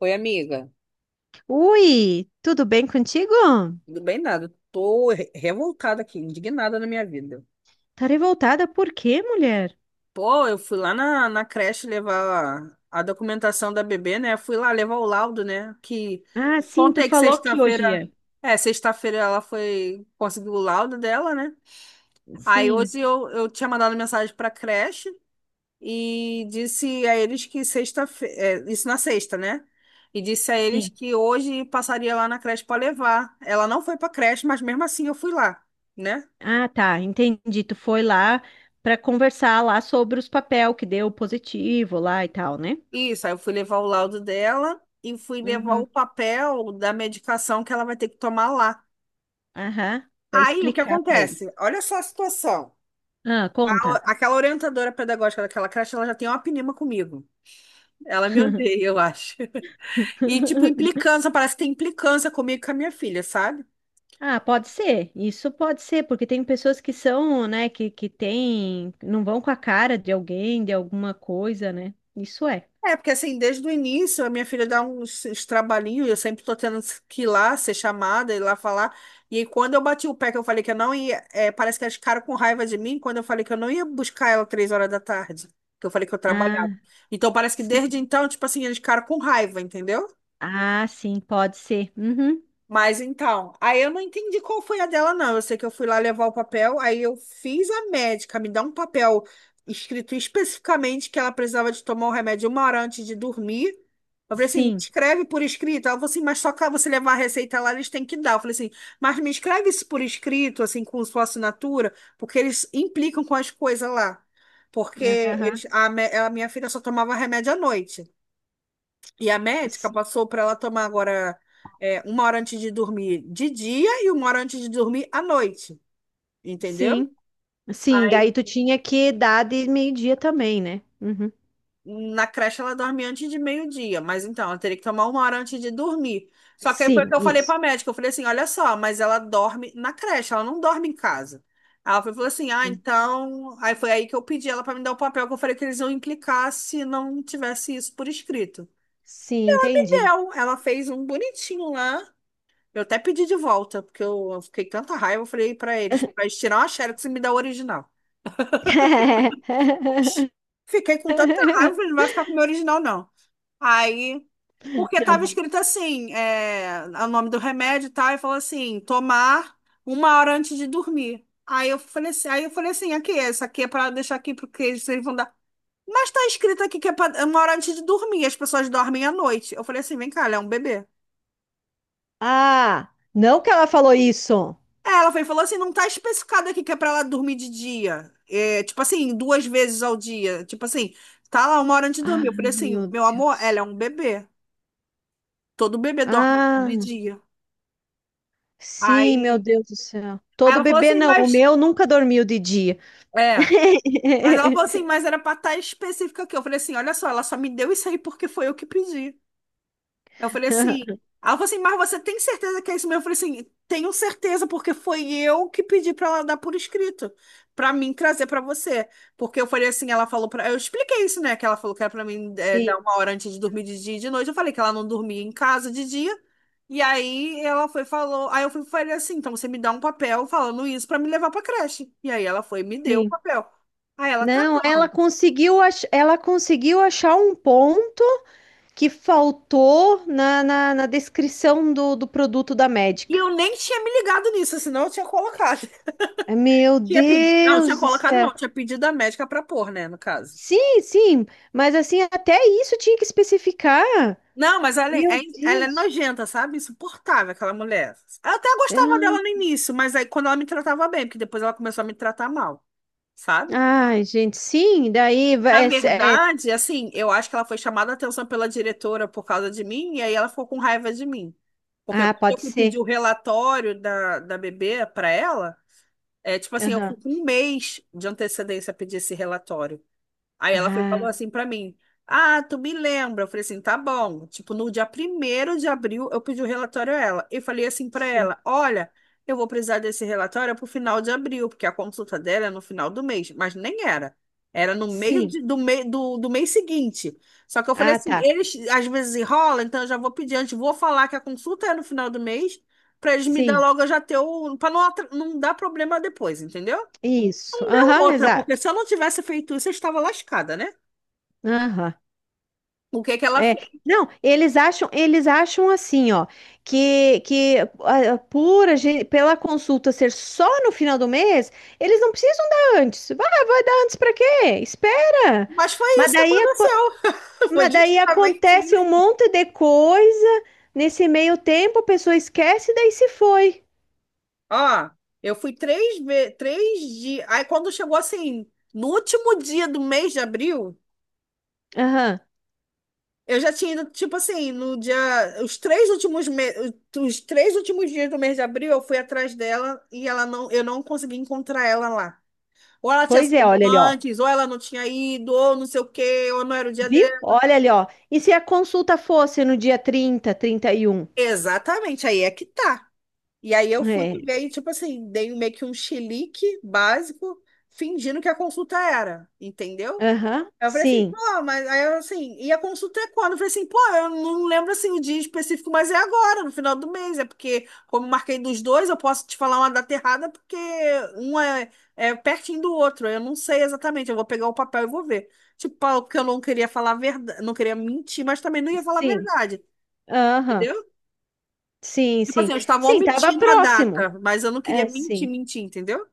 Oi, amiga. Ui, tudo bem contigo? Tudo bem, nada. Tô revoltada aqui, indignada na minha vida. Tá revoltada por quê, mulher? Pô, eu fui lá na creche levar a documentação da bebê, né? Fui lá levar o laudo, né? Que Ah, sim, tu contei que falou que hoje sexta-feira. ia. É, sexta-feira ela foi conseguiu o laudo dela, né? Aí Sim, hoje eu tinha mandado mensagem pra creche e disse a eles que sexta-feira. Isso na sexta, né? E disse a eles sim. que hoje passaria lá na creche pra levar. Ela não foi pra creche, mas mesmo assim eu fui lá, né? Ah, tá, entendi. Tu foi lá pra conversar lá sobre os papel que deu positivo lá e tal, né? Isso, aí eu fui levar o laudo dela e fui levar o Uhum. papel da medicação que ela vai ter que tomar lá. Aham, pra Aí o que explicar pra eles. acontece? Olha só a situação. Ah, conta. Aquela orientadora pedagógica daquela creche, ela já tem uma pinima comigo. Ela me odeia, eu acho. E, tipo, implicância, parece que tem implicância comigo e com a minha filha, sabe? Ah, pode ser. Isso pode ser, porque tem pessoas que são, né, que tem, não vão com a cara de alguém, de alguma coisa, né? Isso é. É, porque assim, desde o início, a minha filha dá uns trabalhinhos, eu sempre tô tendo que ir lá, ser chamada, ir lá falar. E aí, quando eu bati o pé, que eu falei que eu não ia, parece que elas ficaram com raiva de mim, quando eu falei que eu não ia buscar ela três horas da tarde, que eu falei que eu trabalhava. Ah, Então, parece que desde sim. então, tipo assim, eles ficaram com raiva, entendeu? Ah, sim, pode ser. Uhum. Mas então, aí eu não entendi qual foi a dela, não. Eu sei que eu fui lá levar o papel, aí eu fiz a médica me dar um papel escrito especificamente que ela precisava de tomar o remédio uma hora antes de dormir. Eu falei assim, me Sim. escreve por escrito. Ela falou assim, mas só que você levar a receita lá, eles têm que dar. Eu falei assim, mas me escreve isso por escrito, assim, com sua assinatura, porque eles implicam com as coisas lá. Porque Aham. eles, a, a minha filha só tomava remédio à noite. E a médica S- passou para ela tomar agora uma hora antes de dormir de dia e uma hora antes de dormir à noite, entendeu? Sim. Sim, daí Aí tu tinha que dar de meio-dia também, né? Uhum. na creche ela dorme antes de meio-dia, mas então ela teria que tomar uma hora antes de dormir. Só que aí foi o Sim, que eu falei isso. para a médica, eu falei assim, olha só, mas ela dorme na creche, ela não dorme em casa. Falou assim, ah, Sim, então. Aí foi aí que eu pedi ela para me dar o papel, que eu falei que eles iam implicar se não tivesse isso por escrito. sim, entendi. Deu, ela fez um bonitinho lá. Eu até pedi de volta, porque eu fiquei com tanta raiva, eu falei pra eles tirar uma Xerox e me dar o original. Oxi, fiquei com tanta raiva, eu falei, não vai ficar com o meu original, não. Aí, porque tava escrito assim, o nome do remédio e tal, e falou assim, tomar uma hora antes de dormir. Aí eu falei assim, aqui, essa aqui é pra deixar aqui, porque eles vão dar. Mas tá escrito aqui que é é uma hora antes de dormir, as pessoas dormem à noite. Eu falei assim, vem cá, ela é um bebê. Ah, não que ela falou isso. É, ela foi, e falou assim, não tá especificado aqui que é pra ela dormir de dia. É, tipo assim, duas vezes ao dia. Tipo assim, tá lá uma hora antes de dormir. Eu Ai, falei assim, meu meu amor, ela é Deus. um bebê. Todo bebê dorme de Ah, dia. sim, meu Aí, Deus do céu. aí Todo ela falou bebê assim, não, o mas... meu nunca dormiu de dia. É. Mas ela falou assim, mas era pra estar específica aqui. Eu falei assim, olha só, ela só me deu isso aí porque foi eu que pedi. Aí ela falou assim, mas você tem certeza que é isso mesmo? Eu falei assim, tenho certeza, porque foi eu que pedi para ela dar por escrito, para mim trazer para você. Porque eu falei assim, ela falou para, eu expliquei isso, né? Que ela falou que era para mim dar Sim, uma hora antes de dormir de dia e de noite. Eu falei que ela não dormia em casa de dia. E aí ela foi e falou, aí eu fui falei assim, então você me dá um papel falando isso para me levar para creche. E aí ela foi e me deu o sim. papel. Aí ela tá Não, bom. ela conseguiu, ela conseguiu achar um ponto que faltou na descrição do produto da E médica. eu nem tinha me ligado nisso, senão eu tinha colocado. Ai, meu Tinha pedido, não, tinha Deus do colocado céu. não, tinha pedido a médica pra pôr, né, no caso. Sim, mas assim, até isso tinha que especificar. Não, mas ela é, Meu ela é Deus. nojenta, sabe? Insuportável, aquela mulher. Eu até gostava dela no Ah, início, mas aí quando ela me tratava bem, porque depois ela começou a me tratar mal, sabe? ai, gente, sim, daí Na vai. Verdade, assim, eu acho que ela foi chamada a atenção pela diretora por causa de mim, e aí ela ficou com raiva de mim. Porque Ah, quando eu pode fui pedir ser. o relatório da bebê pra ela, é tipo assim, eu Aham. fui com um mês de antecedência pedir esse relatório. Aí ela foi, e falou Ah, assim pra mim: Ah, tu me lembra? Eu falei assim: tá bom. Tipo, no dia primeiro de abril, eu pedi o relatório a ela. E falei assim pra sim, ela: Olha, eu vou precisar desse relatório pro final de abril, porque a consulta dela é no final do mês. Mas nem era. Era no meio de- sim. do, mei- do, do mês seguinte. Só que eu falei Ah, assim: tá. eles às vezes enrolam, então eu já vou pedir antes, vou falar que a consulta é no final do mês. Pra eles me dar Sim, logo, eu já ter o. Pra não, não dar problema depois, entendeu? isso. Aham, Outra, porque exato. se eu não tivesse feito isso, eu estava lascada, né? Aham. O que que ela É, fez? não, eles acham assim, ó, que ah, por a gente, pela consulta ser só no final do mês, eles não precisam dar antes. Vai, vai dar antes para quê? Espera. Mas foi Mas isso que daí, aco- aconteceu. mas Foi daí justamente acontece um isso. monte de coisa nesse meio tempo, a pessoa esquece e daí se foi. Ó, eu fui três vezes, três dias. Aí quando chegou assim, no último dia do mês de abril, Aham. eu já tinha ido, tipo assim, no dia, os três últimos me... os três últimos dias do mês de abril, eu fui atrás dela e ela não, eu não consegui encontrar ela lá. Ou ela tinha Pois é, saído olha ali, ó. antes, ou ela não tinha ido, ou não sei o quê, ou não era o dia Viu? dela. Olha ali, ó. E se a consulta fosse no dia trinta, trinta e um? Exatamente, aí é que tá. E aí eu fui É. ver e, tipo assim, dei meio que um chilique básico, fingindo que a consulta era, entendeu? Aham. Aí eu falei assim, Sim. pô, mas aí eu assim, e a consulta é quando? Eu falei assim, pô, eu não lembro assim o dia específico, mas é agora, no final do mês. É porque, como eu marquei dos dois, eu posso te falar uma data errada, porque um é pertinho do outro. Eu não sei exatamente, eu vou pegar o papel e vou ver. Tipo, porque eu não queria falar verdade, não queria mentir, mas também não ia falar a Sim. verdade. Aham. Entendeu? Sim, Tipo assim, sim. eu estava Sim, tava omitindo a próximo. data, mas eu não queria É, mentir, sim. mentir, entendeu?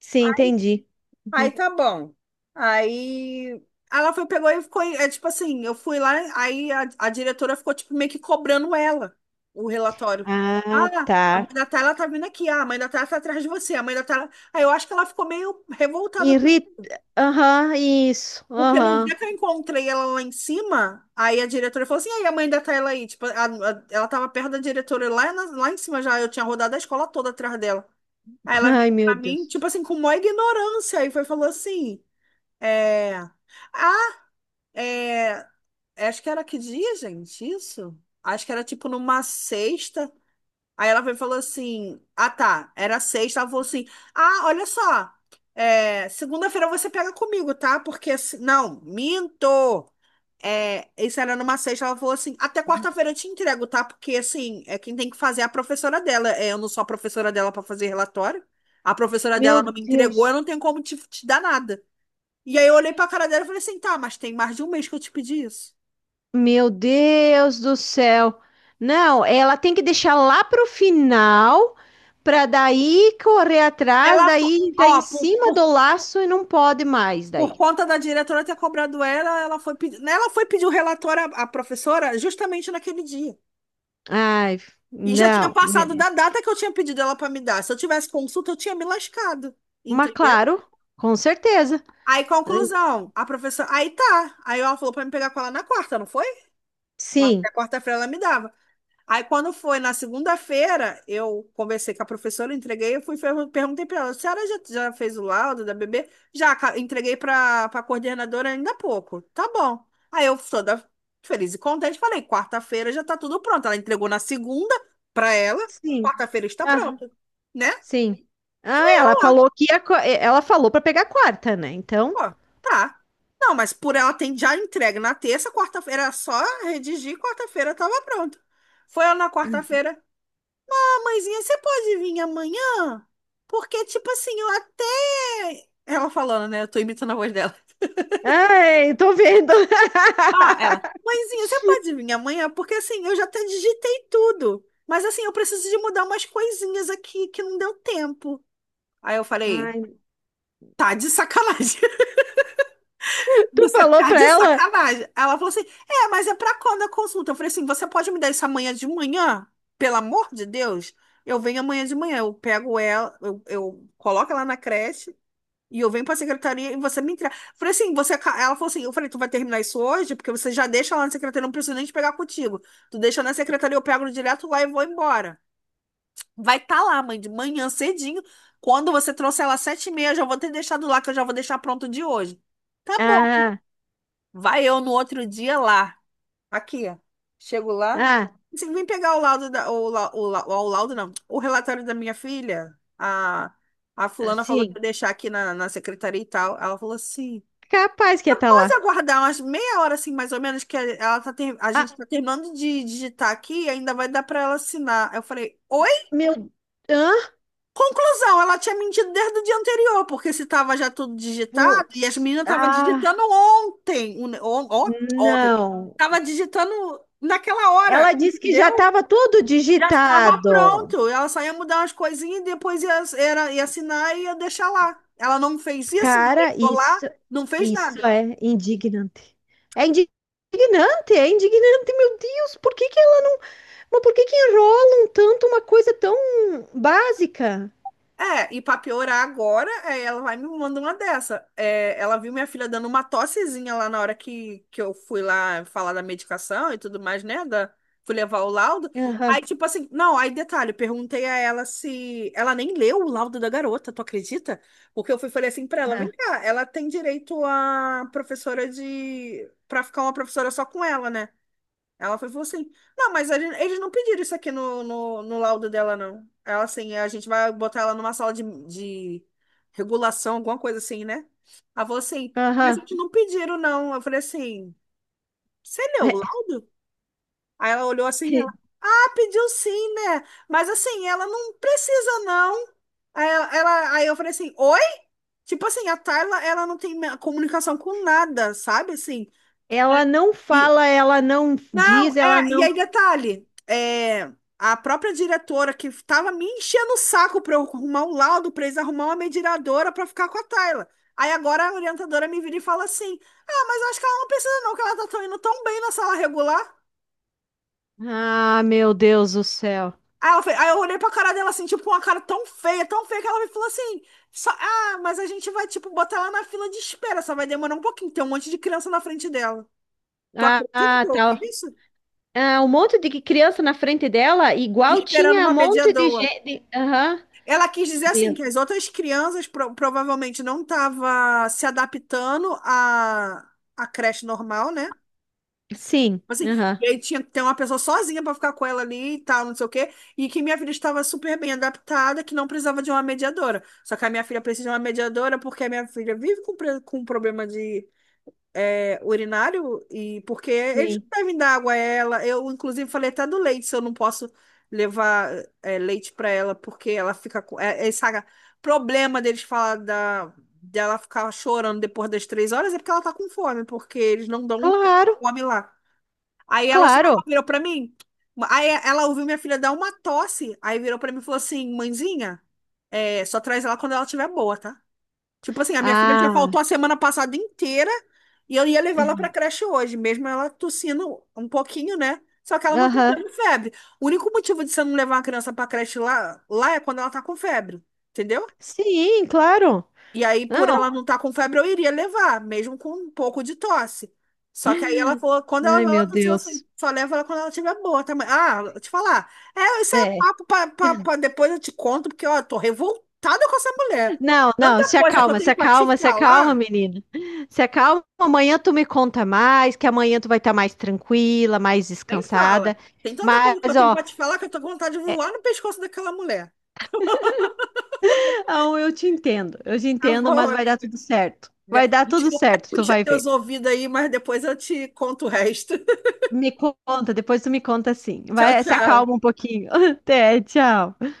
Sim, entendi. Aí Uhum. tá bom. Aí ela foi, pegou e ficou. É tipo assim, eu fui lá, aí a diretora ficou tipo meio que cobrando ela, o relatório. Ah, Ah, a mãe tá. da Tayla tá vindo aqui, ah, a mãe da Tayla tá atrás de você, a mãe da Tayla. Aí eu acho que ela ficou meio revoltada com Irrit... isso. Aham, isso. Porque no dia Aham. que eu encontrei ela lá em cima, aí a diretora falou assim: e aí a mãe da Tayla aí? Tipo, ela tava perto da diretora lá, lá em cima já, eu tinha rodado a escola toda atrás dela. Aí ela veio Ai, meu pra mim, Deus. tipo assim, com maior ignorância, e foi falou assim, é... Ah, é... acho que era que dia, gente, isso? Acho que era tipo numa sexta. Aí ela veio e falou assim, ah tá, era sexta, ela falou assim, ah, olha só, segunda-feira você pega comigo, tá? Porque, não, minto! É, isso era numa sexta, ela falou assim, até quarta-feira eu te entrego, tá? Porque, assim, é quem tem que fazer é a professora dela. É, eu não sou a professora dela para fazer relatório. A professora dela Meu não me entregou, eu Deus. não tenho como te dar nada. E aí eu olhei pra cara dela e falei assim, tá, mas tem mais de um mês que eu te pedi isso. Meu Deus do céu. Não, ela tem que deixar lá pro final para daí correr atrás, Ela, fo- daí tá em Ó, por, cima por, do laço e não pode mais por daí. conta da diretora ter cobrado ela, ela foi, ela foi pedir o relatório à professora justamente naquele dia. Ai, E já tinha não. passado da data que eu tinha pedido ela para me dar. Se eu tivesse consulta, eu tinha me lascado, Mas entendeu? claro, com certeza. Aí, conclusão, a professora. Aí tá. Aí ela falou pra me pegar com ela na quarta, não foi? Sim, Quarta-feira ela me dava. Aí, quando foi na segunda-feira, eu conversei com a professora, entreguei, perguntei pra ela: a senhora já fez o laudo da bebê? Entreguei pra coordenadora ainda há pouco. Tá bom. Aí eu, toda feliz e contente, falei: quarta-feira já tá tudo pronto. Ela entregou na segunda pra ela, sim. quarta-feira está Ah, pronto, né? sim. Ah, ela falou que ia, ela falou para pegar a quarta, né? Então, Pô, tá. Não, mas por ela tem já entregue na terça, quarta-feira era só redigir, quarta-feira tava pronto. Foi ela na quarta-feira. Ah, mãezinha, você pode vir amanhã? Porque, tipo assim, eu até. Ela falando, né? Eu tô imitando a voz dela. ai, tô vendo. Ah, ela. Mãezinha, você pode vir amanhã? Porque, assim, eu já até digitei tudo. Mas, assim, eu preciso de mudar umas coisinhas aqui que não deu tempo. Aí eu falei, Ai, tá de sacanagem. tu Você falou tá para de ela? sacanagem. Ela falou assim: É, mas é pra quando a consulta? Eu falei assim: Você pode me dar isso amanhã de manhã? Pelo amor de Deus. Eu venho amanhã de manhã. Eu pego ela, eu coloco ela na creche e eu venho pra secretaria e você me entrega. Eu falei assim: Ela falou assim: Eu falei, tu vai terminar isso hoje? Porque você já deixa lá na secretaria, não preciso nem te pegar contigo. Tu deixa na secretaria, eu pego direto lá e vou embora. Vai estar tá lá, mãe, de manhã cedinho. Quando você trouxer ela às sete e meia, eu já vou ter deixado lá, que eu já vou deixar pronto de hoje. Tá bom. Ah, Vai eu no outro dia lá. Aqui, ó. Chego lá. ah, Você vim pegar o laudo da, o, lau- o, lau- o laudo, não. O relatório da minha filha. A fulana falou que ia sim. deixar aqui na secretaria e tal. Ela falou assim: Capaz que ia estar pode lá. aguardar umas meia hora, assim, mais ou menos, que a gente Ah, tá terminando de digitar aqui e ainda vai dar pra ela assinar. Eu falei, oi? meu, hã? Conclusão, ela tinha mentido desde o dia anterior, porque se estava já tudo digitado, e as Putz. meninas estavam digitando Ah, ontem, ontem, não. estava digitando naquela hora, Ela disse que já entendeu? estava tudo Já estava digitado. pronto, ela só ia mudar umas coisinhas e depois ia assinar e ia deixar lá. Ela não fez isso, não Cara, deixou lá, não fez isso nada. é indignante. É indignante, meu Deus. Por que que ela, mas por que que enrolam tanto uma coisa tão básica? É, e pra piorar agora, é, ela vai e me mandar uma dessa. É, ela viu minha filha dando uma tossezinha lá na hora que eu fui lá falar da medicação e tudo mais, né? Da, fui levar o laudo. Aí, Aham, tipo assim, não, aí detalhe, eu perguntei a ela se. Ela nem leu o laudo da garota, tu acredita? Porque eu fui e falei assim pra ela: vem aham, cá, ela tem direito a professora de. Pra ficar uma professora só com ela, né? Falou assim: Não, eles não pediram isso aqui no laudo dela, não. Ela assim: A gente vai botar ela numa sala de regulação, alguma coisa assim, né? Ela falou assim: Mas a aham. gente não pediram, não. Eu falei assim: Você leu o laudo? Aí ela olhou assim: ela, ah, pediu sim, né? Mas assim, ela não precisa, não. Aí, aí eu falei assim: Oi? Tipo assim, a Tayla, ela não tem me- comunicação com nada, sabe? Assim. Ela não fala, ela não Não, diz, ela é, e não. aí detalhe, é, a própria diretora que estava me enchendo o saco para eu arrumar um laudo, para eles arrumar uma mediadora para ficar com a Tayla. Aí agora a orientadora me vira e fala assim: Ah, mas eu acho que ela não precisa, não, que indo tão bem na sala regular. Ah, meu Deus do céu. Aí, aí eu olhei pra cara dela assim, tipo, com uma cara tão feia, que ela me falou assim: Ah, mas a gente vai, tipo, botar ela na fila de espera, só vai demorar um pouquinho, tem um monte de criança na frente dela. Tu Ah, acredita que ah, eu ouvi tá. isso? Ah, um monte de criança na frente dela, igual Esperando tinha um uma monte de mediadora. gente. Aham. Ela quis dizer assim que Meu. as outras crianças provavelmente não estavam se adaptando à, à creche normal, né? Sim, Assim, aham. e aí tinha que ter uma pessoa sozinha para ficar com ela ali e tal, não sei o quê. E que minha filha estava super bem adaptada, que não precisava de uma mediadora. Só que a minha filha precisa de uma mediadora porque a minha filha vive com, com um problema de é, urinário e porque eles não Sim. devem dar água a ela. Eu, inclusive, falei até do leite, se eu não posso levar é, leite para ela, porque ela fica com. É, é esse problema deles falar da, dela ficar chorando depois das 3 horas é porque ela tá com fome, porque eles não dão um Claro, fome lá. Aí ela só claro. virou para mim. Aí ela ouviu minha filha dar uma tosse, aí virou para mim e falou assim: Mãezinha, é, só traz ela quando ela estiver boa, tá? Tipo assim, a minha filha já Ah, faltou a semana passada inteira e eu ia levar ela pra creche hoje, mesmo ela tossindo um pouquinho, né? Só que ela não tem aham. tendo febre. O único motivo de você não levar uma criança pra creche lá, lá é quando ela tá com febre, entendeu? Sim, claro. E aí, por Não. ela não estar tá com febre, eu iria levar, mesmo com um pouco de tosse. Só que aí ela falou, quando ela Ai, vai, ela meu tossiu assim, Deus. só leva ela quando ela tiver boa também. Ah, vou te falar. É, isso é É. papo pra depois eu te conto, porque ó, eu tô revoltada com essa mulher. Não, não, Tanta se coisa que eu acalma, se tenho pra te acalma, se acalma, falar. menina. Se acalma, amanhã tu me conta mais, que amanhã tu vai estar mais tranquila, mais Nem descansada. fala. Tem tanta coisa que eu Mas, tenho ó, pra te falar que eu tô com vontade de é, voar no pescoço daquela mulher. não, eu te entendo, eu te Tá entendo, bom, mas vai dar amigo. tudo certo. Vai dar tudo Desculpa, certo, tu puxa vai teus ver. ouvidos aí, mas depois eu te conto o resto. Me conta, depois tu me conta sim. Tchau, Vai, se tchau. acalma um pouquinho. Até, tchau.